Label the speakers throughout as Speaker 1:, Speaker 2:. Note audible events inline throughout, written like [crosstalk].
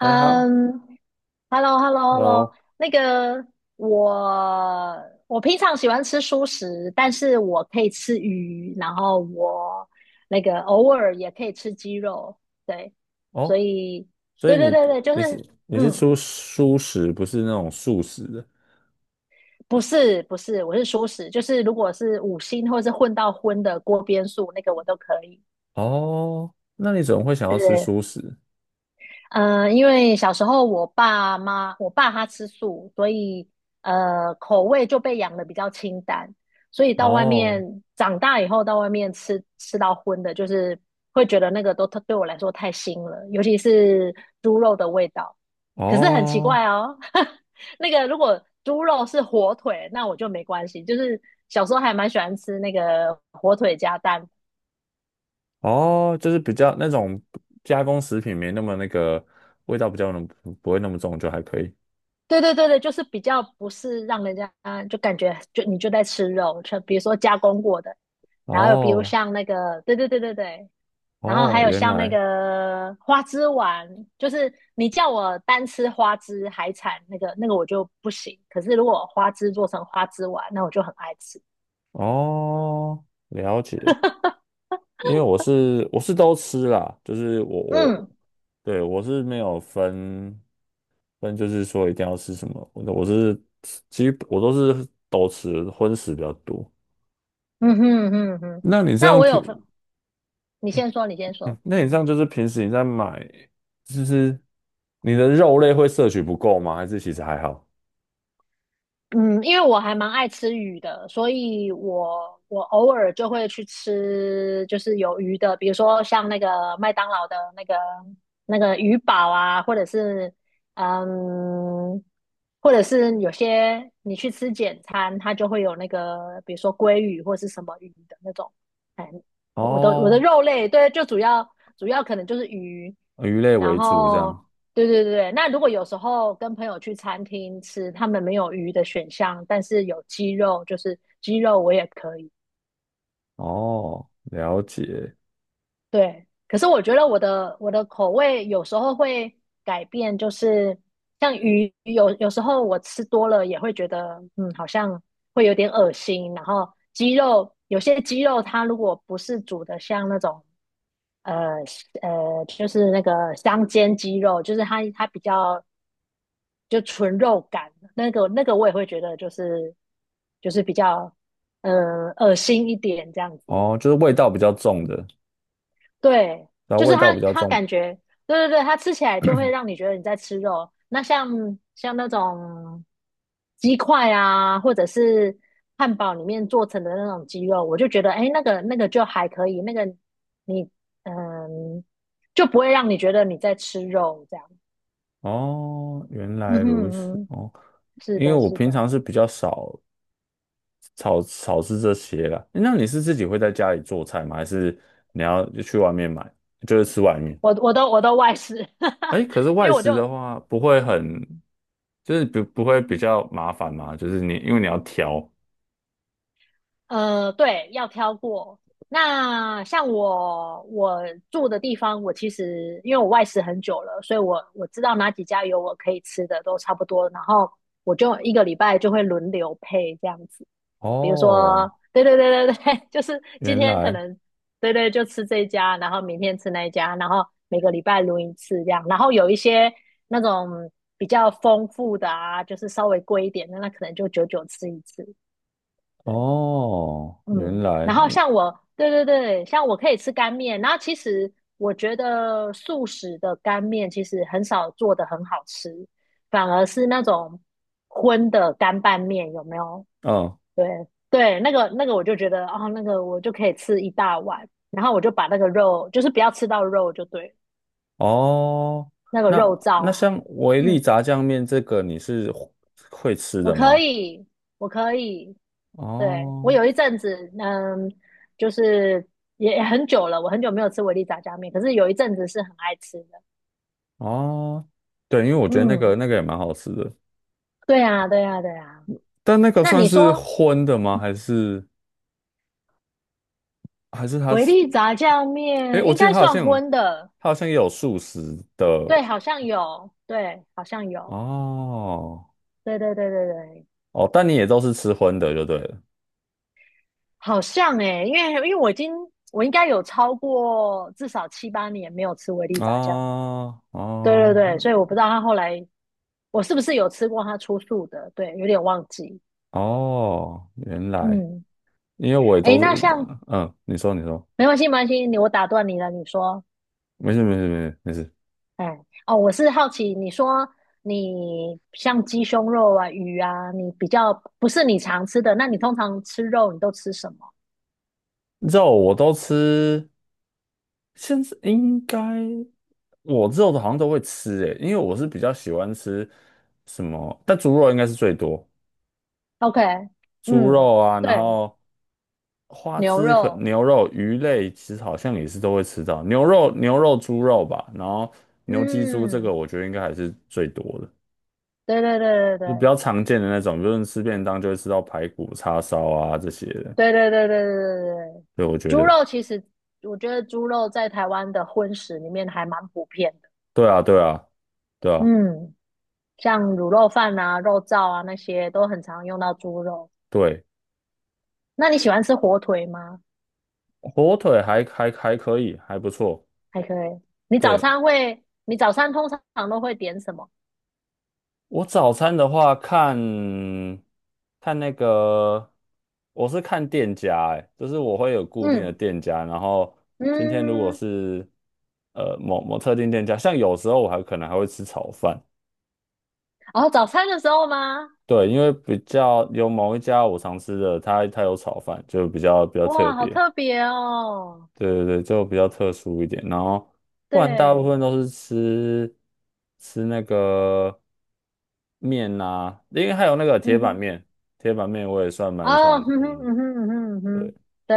Speaker 1: 哎哈
Speaker 2: ，hello，hello，hello，
Speaker 1: ，Hello，
Speaker 2: 那个我我平常喜欢吃蔬食，但是我可以吃鱼，然后我那个偶尔也可以吃鸡肉，对，所
Speaker 1: 哦，
Speaker 2: 以
Speaker 1: 所以
Speaker 2: 对对
Speaker 1: 你
Speaker 2: 对
Speaker 1: 不
Speaker 2: 对，就
Speaker 1: 你是
Speaker 2: 是
Speaker 1: 你是
Speaker 2: 嗯，
Speaker 1: 吃素食，不是那种素食的
Speaker 2: 不是不是，我是蔬食，就是如果是五星或是混到荤的锅边素，那个我都可以，
Speaker 1: 哦？那你怎么会想要吃
Speaker 2: 对。
Speaker 1: 素食？
Speaker 2: 因为小时候我爸妈，我爸他吃素，所以口味就被养的比较清淡，所以到外
Speaker 1: 哦
Speaker 2: 面长大以后到外面吃到荤的，就是会觉得那个都对我来说太腥了，尤其是猪肉的味道。可是很奇怪
Speaker 1: 哦
Speaker 2: 哦，[laughs] 那个如果猪肉是火腿，那我就没关系，就是小时候还蛮喜欢吃那个火腿加蛋。
Speaker 1: 哦，就是比较那种加工食品没那么那个味道比较浓，不会那么重就还可以。
Speaker 2: 对对对对，就是比较不是让人家就感觉就你就在吃肉，就比如说加工过的，然后有比如
Speaker 1: 哦
Speaker 2: 像那个，对对对对对，然后
Speaker 1: 哦，
Speaker 2: 还有
Speaker 1: 原
Speaker 2: 像那
Speaker 1: 来
Speaker 2: 个花枝丸，就是你叫我单吃花枝海产那个那个我就不行，可是如果花枝做成花枝丸，那我就很爱吃。
Speaker 1: 哦，了解。因为我是都吃啦，就是我
Speaker 2: 嗯
Speaker 1: 对我是没有分，但就是说一定要吃什么，我是我都吃荤食比较多。
Speaker 2: 嗯哼嗯哼，
Speaker 1: 那你这
Speaker 2: 那
Speaker 1: 样
Speaker 2: 我
Speaker 1: 平，
Speaker 2: 有分，你
Speaker 1: 哎
Speaker 2: 先说，你先说，
Speaker 1: 那你这
Speaker 2: 嗯。
Speaker 1: 样就是平时你在买，就是你的肉类会摄取不够吗？还是其实还好？
Speaker 2: 嗯，因为我还蛮爱吃鱼的，所以我偶尔就会去吃，就是有鱼的，比如说像那个麦当劳的那个那个鱼堡啊，嗯，或者是有些你去吃简餐，它就会有那个，比如说鲑鱼或是什么鱼的那种，哎，我的
Speaker 1: 哦，
Speaker 2: 肉类，对，就主要可能就是鱼，
Speaker 1: 鱼类
Speaker 2: 然
Speaker 1: 为主这
Speaker 2: 后
Speaker 1: 样。
Speaker 2: 对对对对，那如果有时候跟朋友去餐厅吃，他们没有鱼的选项，但是有鸡肉，就是鸡肉我也可以。
Speaker 1: 哦，了解。
Speaker 2: 对，可是我觉得我的口味有时候会改变，就是像鱼，有时候我吃多了也会觉得，嗯，好像会有点恶心。然后鸡肉，有些鸡肉它如果不是煮的像那种，呃就是那个香煎鸡肉，就是它比较就纯肉感，那个那个我也会觉得就是比较恶心一点这样子。
Speaker 1: 哦，就是味道比较重的，
Speaker 2: 对，
Speaker 1: 然后
Speaker 2: 就是
Speaker 1: 味道
Speaker 2: 他，
Speaker 1: 比较
Speaker 2: 他
Speaker 1: 重。
Speaker 2: 感觉，对对对，他吃起来就会让你觉得你在吃肉。那像那种鸡块啊，或者是汉堡里面做成的那种鸡肉，我就觉得，哎，那个那个就还可以，那个你嗯，就不会让你觉得你在吃肉这样。
Speaker 1: 哦，原来
Speaker 2: 嗯哼
Speaker 1: 如
Speaker 2: 嗯
Speaker 1: 此。
Speaker 2: 哼，
Speaker 1: 哦，
Speaker 2: 是
Speaker 1: 因为
Speaker 2: 的，
Speaker 1: 我
Speaker 2: 是
Speaker 1: 平常
Speaker 2: 的，
Speaker 1: 是比较少。炒是这些啦。诶那你是自己会在家里做菜吗？还是你要去外面买，就是吃外面？
Speaker 2: 我都外食，
Speaker 1: 哎，
Speaker 2: [laughs]
Speaker 1: 可是
Speaker 2: 因为
Speaker 1: 外
Speaker 2: 我
Speaker 1: 食的
Speaker 2: 就
Speaker 1: 话不会很，就是不会比较麻烦吗？就是你因为你要挑。
Speaker 2: 对，要挑过。那像我住的地方，我其实因为我外食很久了，所以我知道哪几家有我可以吃的都差不多，然后我就一个礼拜就会轮流配这样子。比如
Speaker 1: 哦，
Speaker 2: 说，对对对对对，[laughs] 就是今
Speaker 1: 原
Speaker 2: 天可
Speaker 1: 来，
Speaker 2: 能对对就吃这一家，然后明天吃那一家，然后每个礼拜轮一次这样。然后有一些那种比较丰富的啊，就是稍微贵一点的，那可能就久久吃一次。对。
Speaker 1: 哦，原
Speaker 2: 嗯，
Speaker 1: 来，
Speaker 2: 然后像我，对对对，像我可以吃干面，然后其实我觉得素食的干面其实很少做的很好吃，反而是那种荤的干拌面，有没有？
Speaker 1: 嗯，
Speaker 2: 对对，那个那个我就觉得，哦，那个我就可以吃一大碗，然后我就把那个肉，就是不要吃到肉就对了，
Speaker 1: 哦，
Speaker 2: 那个
Speaker 1: 那
Speaker 2: 肉燥
Speaker 1: 那
Speaker 2: 啊。
Speaker 1: 像维力
Speaker 2: 嗯，
Speaker 1: 炸酱面这个你是会吃
Speaker 2: 我
Speaker 1: 的
Speaker 2: 可
Speaker 1: 吗？
Speaker 2: 以，我可以，对，我
Speaker 1: 哦
Speaker 2: 有一阵子，就是也很久了，我很久没有吃维力炸酱面，可是有一阵子是很爱吃的。
Speaker 1: 哦，对，因为我觉得那个
Speaker 2: 嗯，
Speaker 1: 那个也蛮好吃的。
Speaker 2: 对呀，对呀，对呀。
Speaker 1: 但那个
Speaker 2: 那
Speaker 1: 算
Speaker 2: 你
Speaker 1: 是
Speaker 2: 说
Speaker 1: 荤的吗？还是它
Speaker 2: 维
Speaker 1: 是？
Speaker 2: 力炸酱
Speaker 1: 诶，
Speaker 2: 面
Speaker 1: 我
Speaker 2: 应
Speaker 1: 记得
Speaker 2: 该算荤的？
Speaker 1: 它好像也有素食的
Speaker 2: 对，好像有，对，好像有，
Speaker 1: 哦
Speaker 2: 对对对对对，
Speaker 1: 哦，但你也都是吃荤的就对了
Speaker 2: 好像诶、因为我已经我应该有超过至少7、8年没有吃维力炸酱面。
Speaker 1: 啊
Speaker 2: 对对
Speaker 1: 哦
Speaker 2: 对，所以我不知道他后来我是不是有吃过他出素的，对，有点忘记。
Speaker 1: 哦，原来
Speaker 2: 嗯。
Speaker 1: 因为我也
Speaker 2: 哎，
Speaker 1: 都是你说你说，
Speaker 2: 没关系，没关系，你我打断你了，你说，
Speaker 1: 没事没事没事没事，
Speaker 2: 哎，哦，我是好奇，你说你像鸡胸肉啊、鱼啊，你比较不是你常吃的，那你通常吃肉你都吃什么
Speaker 1: 肉我都吃，现在应该我肉的好像都会吃诶，因为我是比较喜欢吃什么，但猪肉应该是最多。
Speaker 2: ？OK，
Speaker 1: 猪
Speaker 2: 嗯，
Speaker 1: 肉啊，然
Speaker 2: 对，
Speaker 1: 后花
Speaker 2: 牛
Speaker 1: 枝可
Speaker 2: 肉，
Speaker 1: 牛肉、鱼类其实好像也是都会吃到，牛肉、猪肉吧，然后牛鸡猪这个
Speaker 2: 嗯，
Speaker 1: 我觉得应该还是最多的，
Speaker 2: 对对对
Speaker 1: 就比
Speaker 2: 对
Speaker 1: 较常见的那种，就是吃便当就会吃到排骨、叉烧啊这些的。
Speaker 2: 对对对对对对对对，
Speaker 1: 对，我觉
Speaker 2: 猪
Speaker 1: 得，
Speaker 2: 肉其实我觉得猪肉在台湾的荤食里面还蛮普遍的，
Speaker 1: 对啊，对啊，对啊，
Speaker 2: 嗯，像卤肉饭啊、肉燥啊那些都很常用到猪肉。
Speaker 1: 对，
Speaker 2: 那你喜欢吃火腿吗？
Speaker 1: 火腿还可以，还不错。
Speaker 2: 还可以。你早
Speaker 1: 对，
Speaker 2: 餐会，你早餐通常都会点什么？
Speaker 1: 我早餐的话看那个，我是看店家、欸，就是我会有固定的
Speaker 2: 嗯
Speaker 1: 店家，然后今天如果
Speaker 2: 嗯，
Speaker 1: 是某某特定店家，像有时候我还可能还会吃炒饭，
Speaker 2: 哦，早餐的时候吗？
Speaker 1: 对，因为比较有某一家我常吃的，它有炒饭，就比较特
Speaker 2: 哇，好
Speaker 1: 别。
Speaker 2: 特别哦。
Speaker 1: 对对对，就比较特殊一点。然后不然大部
Speaker 2: 对，
Speaker 1: 分都是吃那个面啊，因为还有那个铁
Speaker 2: 嗯
Speaker 1: 板
Speaker 2: 哼，
Speaker 1: 面，铁板面我也算蛮
Speaker 2: 哦，
Speaker 1: 常
Speaker 2: 嗯哼，
Speaker 1: 吃。
Speaker 2: 嗯哼，嗯哼，嗯
Speaker 1: 对，
Speaker 2: 哼，对。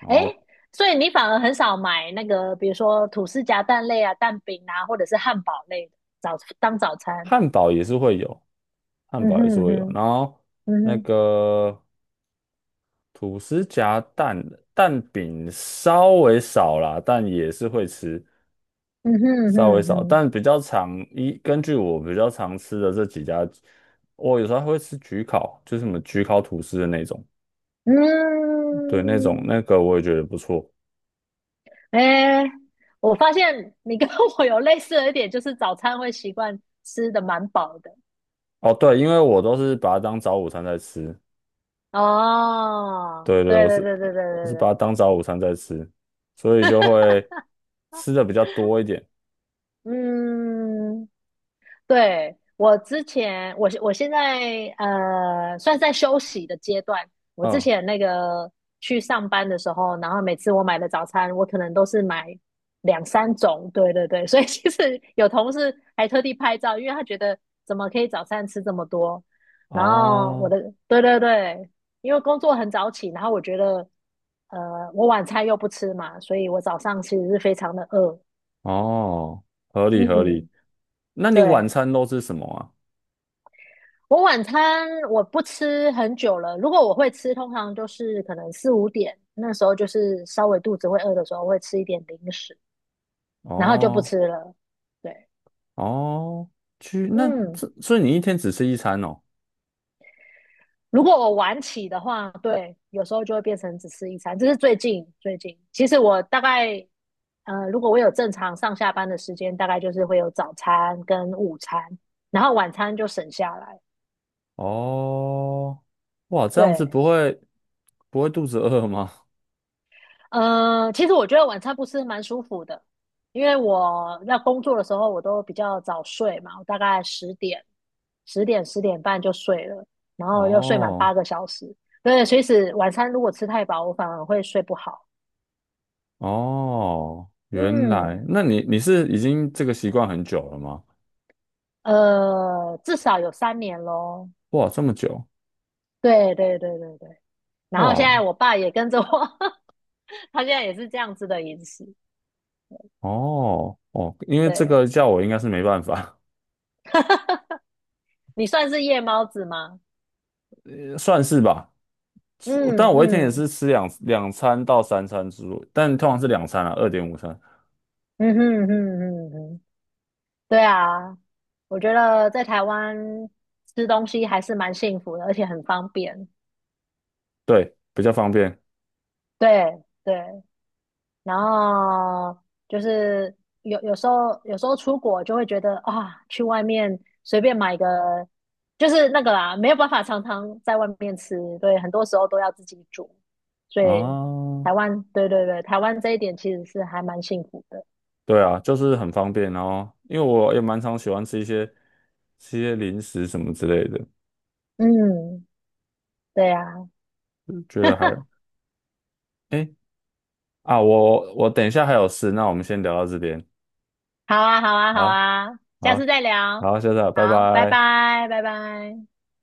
Speaker 1: 然后
Speaker 2: 诶，所以你反而很少买那个，比如说吐司夹蛋类啊、蛋饼啊，或者是汉堡类的早当早餐。
Speaker 1: 汉堡也是会有，汉
Speaker 2: 嗯
Speaker 1: 堡也是
Speaker 2: 哼嗯
Speaker 1: 会有。
Speaker 2: 哼，
Speaker 1: 然后
Speaker 2: 嗯
Speaker 1: 那
Speaker 2: 哼，
Speaker 1: 个吐司夹蛋蛋饼稍微少啦，但也是会吃。
Speaker 2: 嗯哼嗯哼
Speaker 1: 稍微
Speaker 2: 嗯
Speaker 1: 少，
Speaker 2: 哼，
Speaker 1: 但比较常根据我比较常吃的这几家，我有时候还会吃焗烤，就是什么焗烤吐司的那种，对，那种
Speaker 2: 嗯。
Speaker 1: 那个我也觉得不错。
Speaker 2: 哎，我发现你跟我有类似的一点，就是早餐会习惯吃的蛮饱的。
Speaker 1: 哦，对，因为我都是把它当早午餐在吃，
Speaker 2: 哦，
Speaker 1: 对对，
Speaker 2: 对
Speaker 1: 我
Speaker 2: 对
Speaker 1: 是
Speaker 2: 对对对
Speaker 1: 我
Speaker 2: 对
Speaker 1: 是把
Speaker 2: 对，
Speaker 1: 它当早午餐在吃，所以就会吃的比较多一点。
Speaker 2: 嗯，对，我之前，我我现在算是在休息的阶段。我之
Speaker 1: 嗯，
Speaker 2: 前那个去上班的时候，然后每次我买的早餐，我可能都是买两三种。对对对，[laughs] 所以其实有同事还特地拍照，因为他觉得怎么可以早餐吃这么多。然后
Speaker 1: 哦
Speaker 2: 对对对，因为工作很早起，然后我觉得我晚餐又不吃嘛，所以我早上其实是非常的饿。
Speaker 1: 哦，合理合理。
Speaker 2: 嗯，
Speaker 1: 那你晚
Speaker 2: 对，
Speaker 1: 餐都吃什么啊？
Speaker 2: 我晚餐我不吃很久了，如果我会吃，通常就是可能4、5点，那时候就是稍微肚子会饿的时候会吃一点零食，然后就不
Speaker 1: 哦
Speaker 2: 吃了。对，
Speaker 1: 哦，
Speaker 2: 嗯，
Speaker 1: 所以你一天只吃1餐哦。
Speaker 2: 如果我晚起的话，对，有时候就会变成只吃一餐。这是最近最近，其实我大概如果我有正常上下班的时间，大概就是会有早餐跟午餐，然后晚餐就省下来。
Speaker 1: 哦，哇，这样子
Speaker 2: 对，
Speaker 1: 不会肚子饿吗？
Speaker 2: 其实我觉得晚餐不吃蛮舒服的，因为我要工作的时候，我都比较早睡嘛，我大概十点、十点、10点半就睡了，然后又睡满
Speaker 1: 哦
Speaker 2: 8个小时。对，所以是晚餐如果吃太饱，我反而会睡不好。
Speaker 1: 哦，原来，
Speaker 2: 嗯，
Speaker 1: 那你是已经这个习惯很久了吗？
Speaker 2: 至少有3年咯。
Speaker 1: 哇，这么久，
Speaker 2: 对对对对对。然后现
Speaker 1: 哇，
Speaker 2: 在我爸也跟着我，[laughs] 他现在也是这样子的饮食。
Speaker 1: 哦哦，因为这
Speaker 2: 对，
Speaker 1: 个叫我应该是没办法，
Speaker 2: [laughs] 你算是夜猫子吗？
Speaker 1: [laughs] 算是吧。
Speaker 2: 嗯
Speaker 1: 是但我一天也
Speaker 2: 嗯
Speaker 1: 是吃两餐到三餐之路，但通常是两餐啊，2.5餐，
Speaker 2: 嗯哼嗯哼嗯哼。对啊，我觉得在台湾吃东西还是蛮幸福的，而且很方便。
Speaker 1: 对，比较方便
Speaker 2: 对对，然后就是有时候出国就会觉得啊，去外面随便买个，就是那个啦，没有办法常常在外面吃，对，很多时候都要自己煮。所
Speaker 1: 啊。
Speaker 2: 以
Speaker 1: 哦
Speaker 2: 台湾，对对对，台湾这一点其实是还蛮幸福的。
Speaker 1: 对啊，就是很方便，然后因为我也蛮常喜欢吃一些零食什么之类的，
Speaker 2: 嗯，对啊。
Speaker 1: 觉得
Speaker 2: [laughs]
Speaker 1: 哎啊，我等一下还有事，那我们先聊到这边，
Speaker 2: 好啊，好啊，好
Speaker 1: 好，
Speaker 2: 啊，下次
Speaker 1: 好，
Speaker 2: 再聊。
Speaker 1: 好，下次啊，拜
Speaker 2: 好，拜
Speaker 1: 拜。
Speaker 2: 拜，拜拜。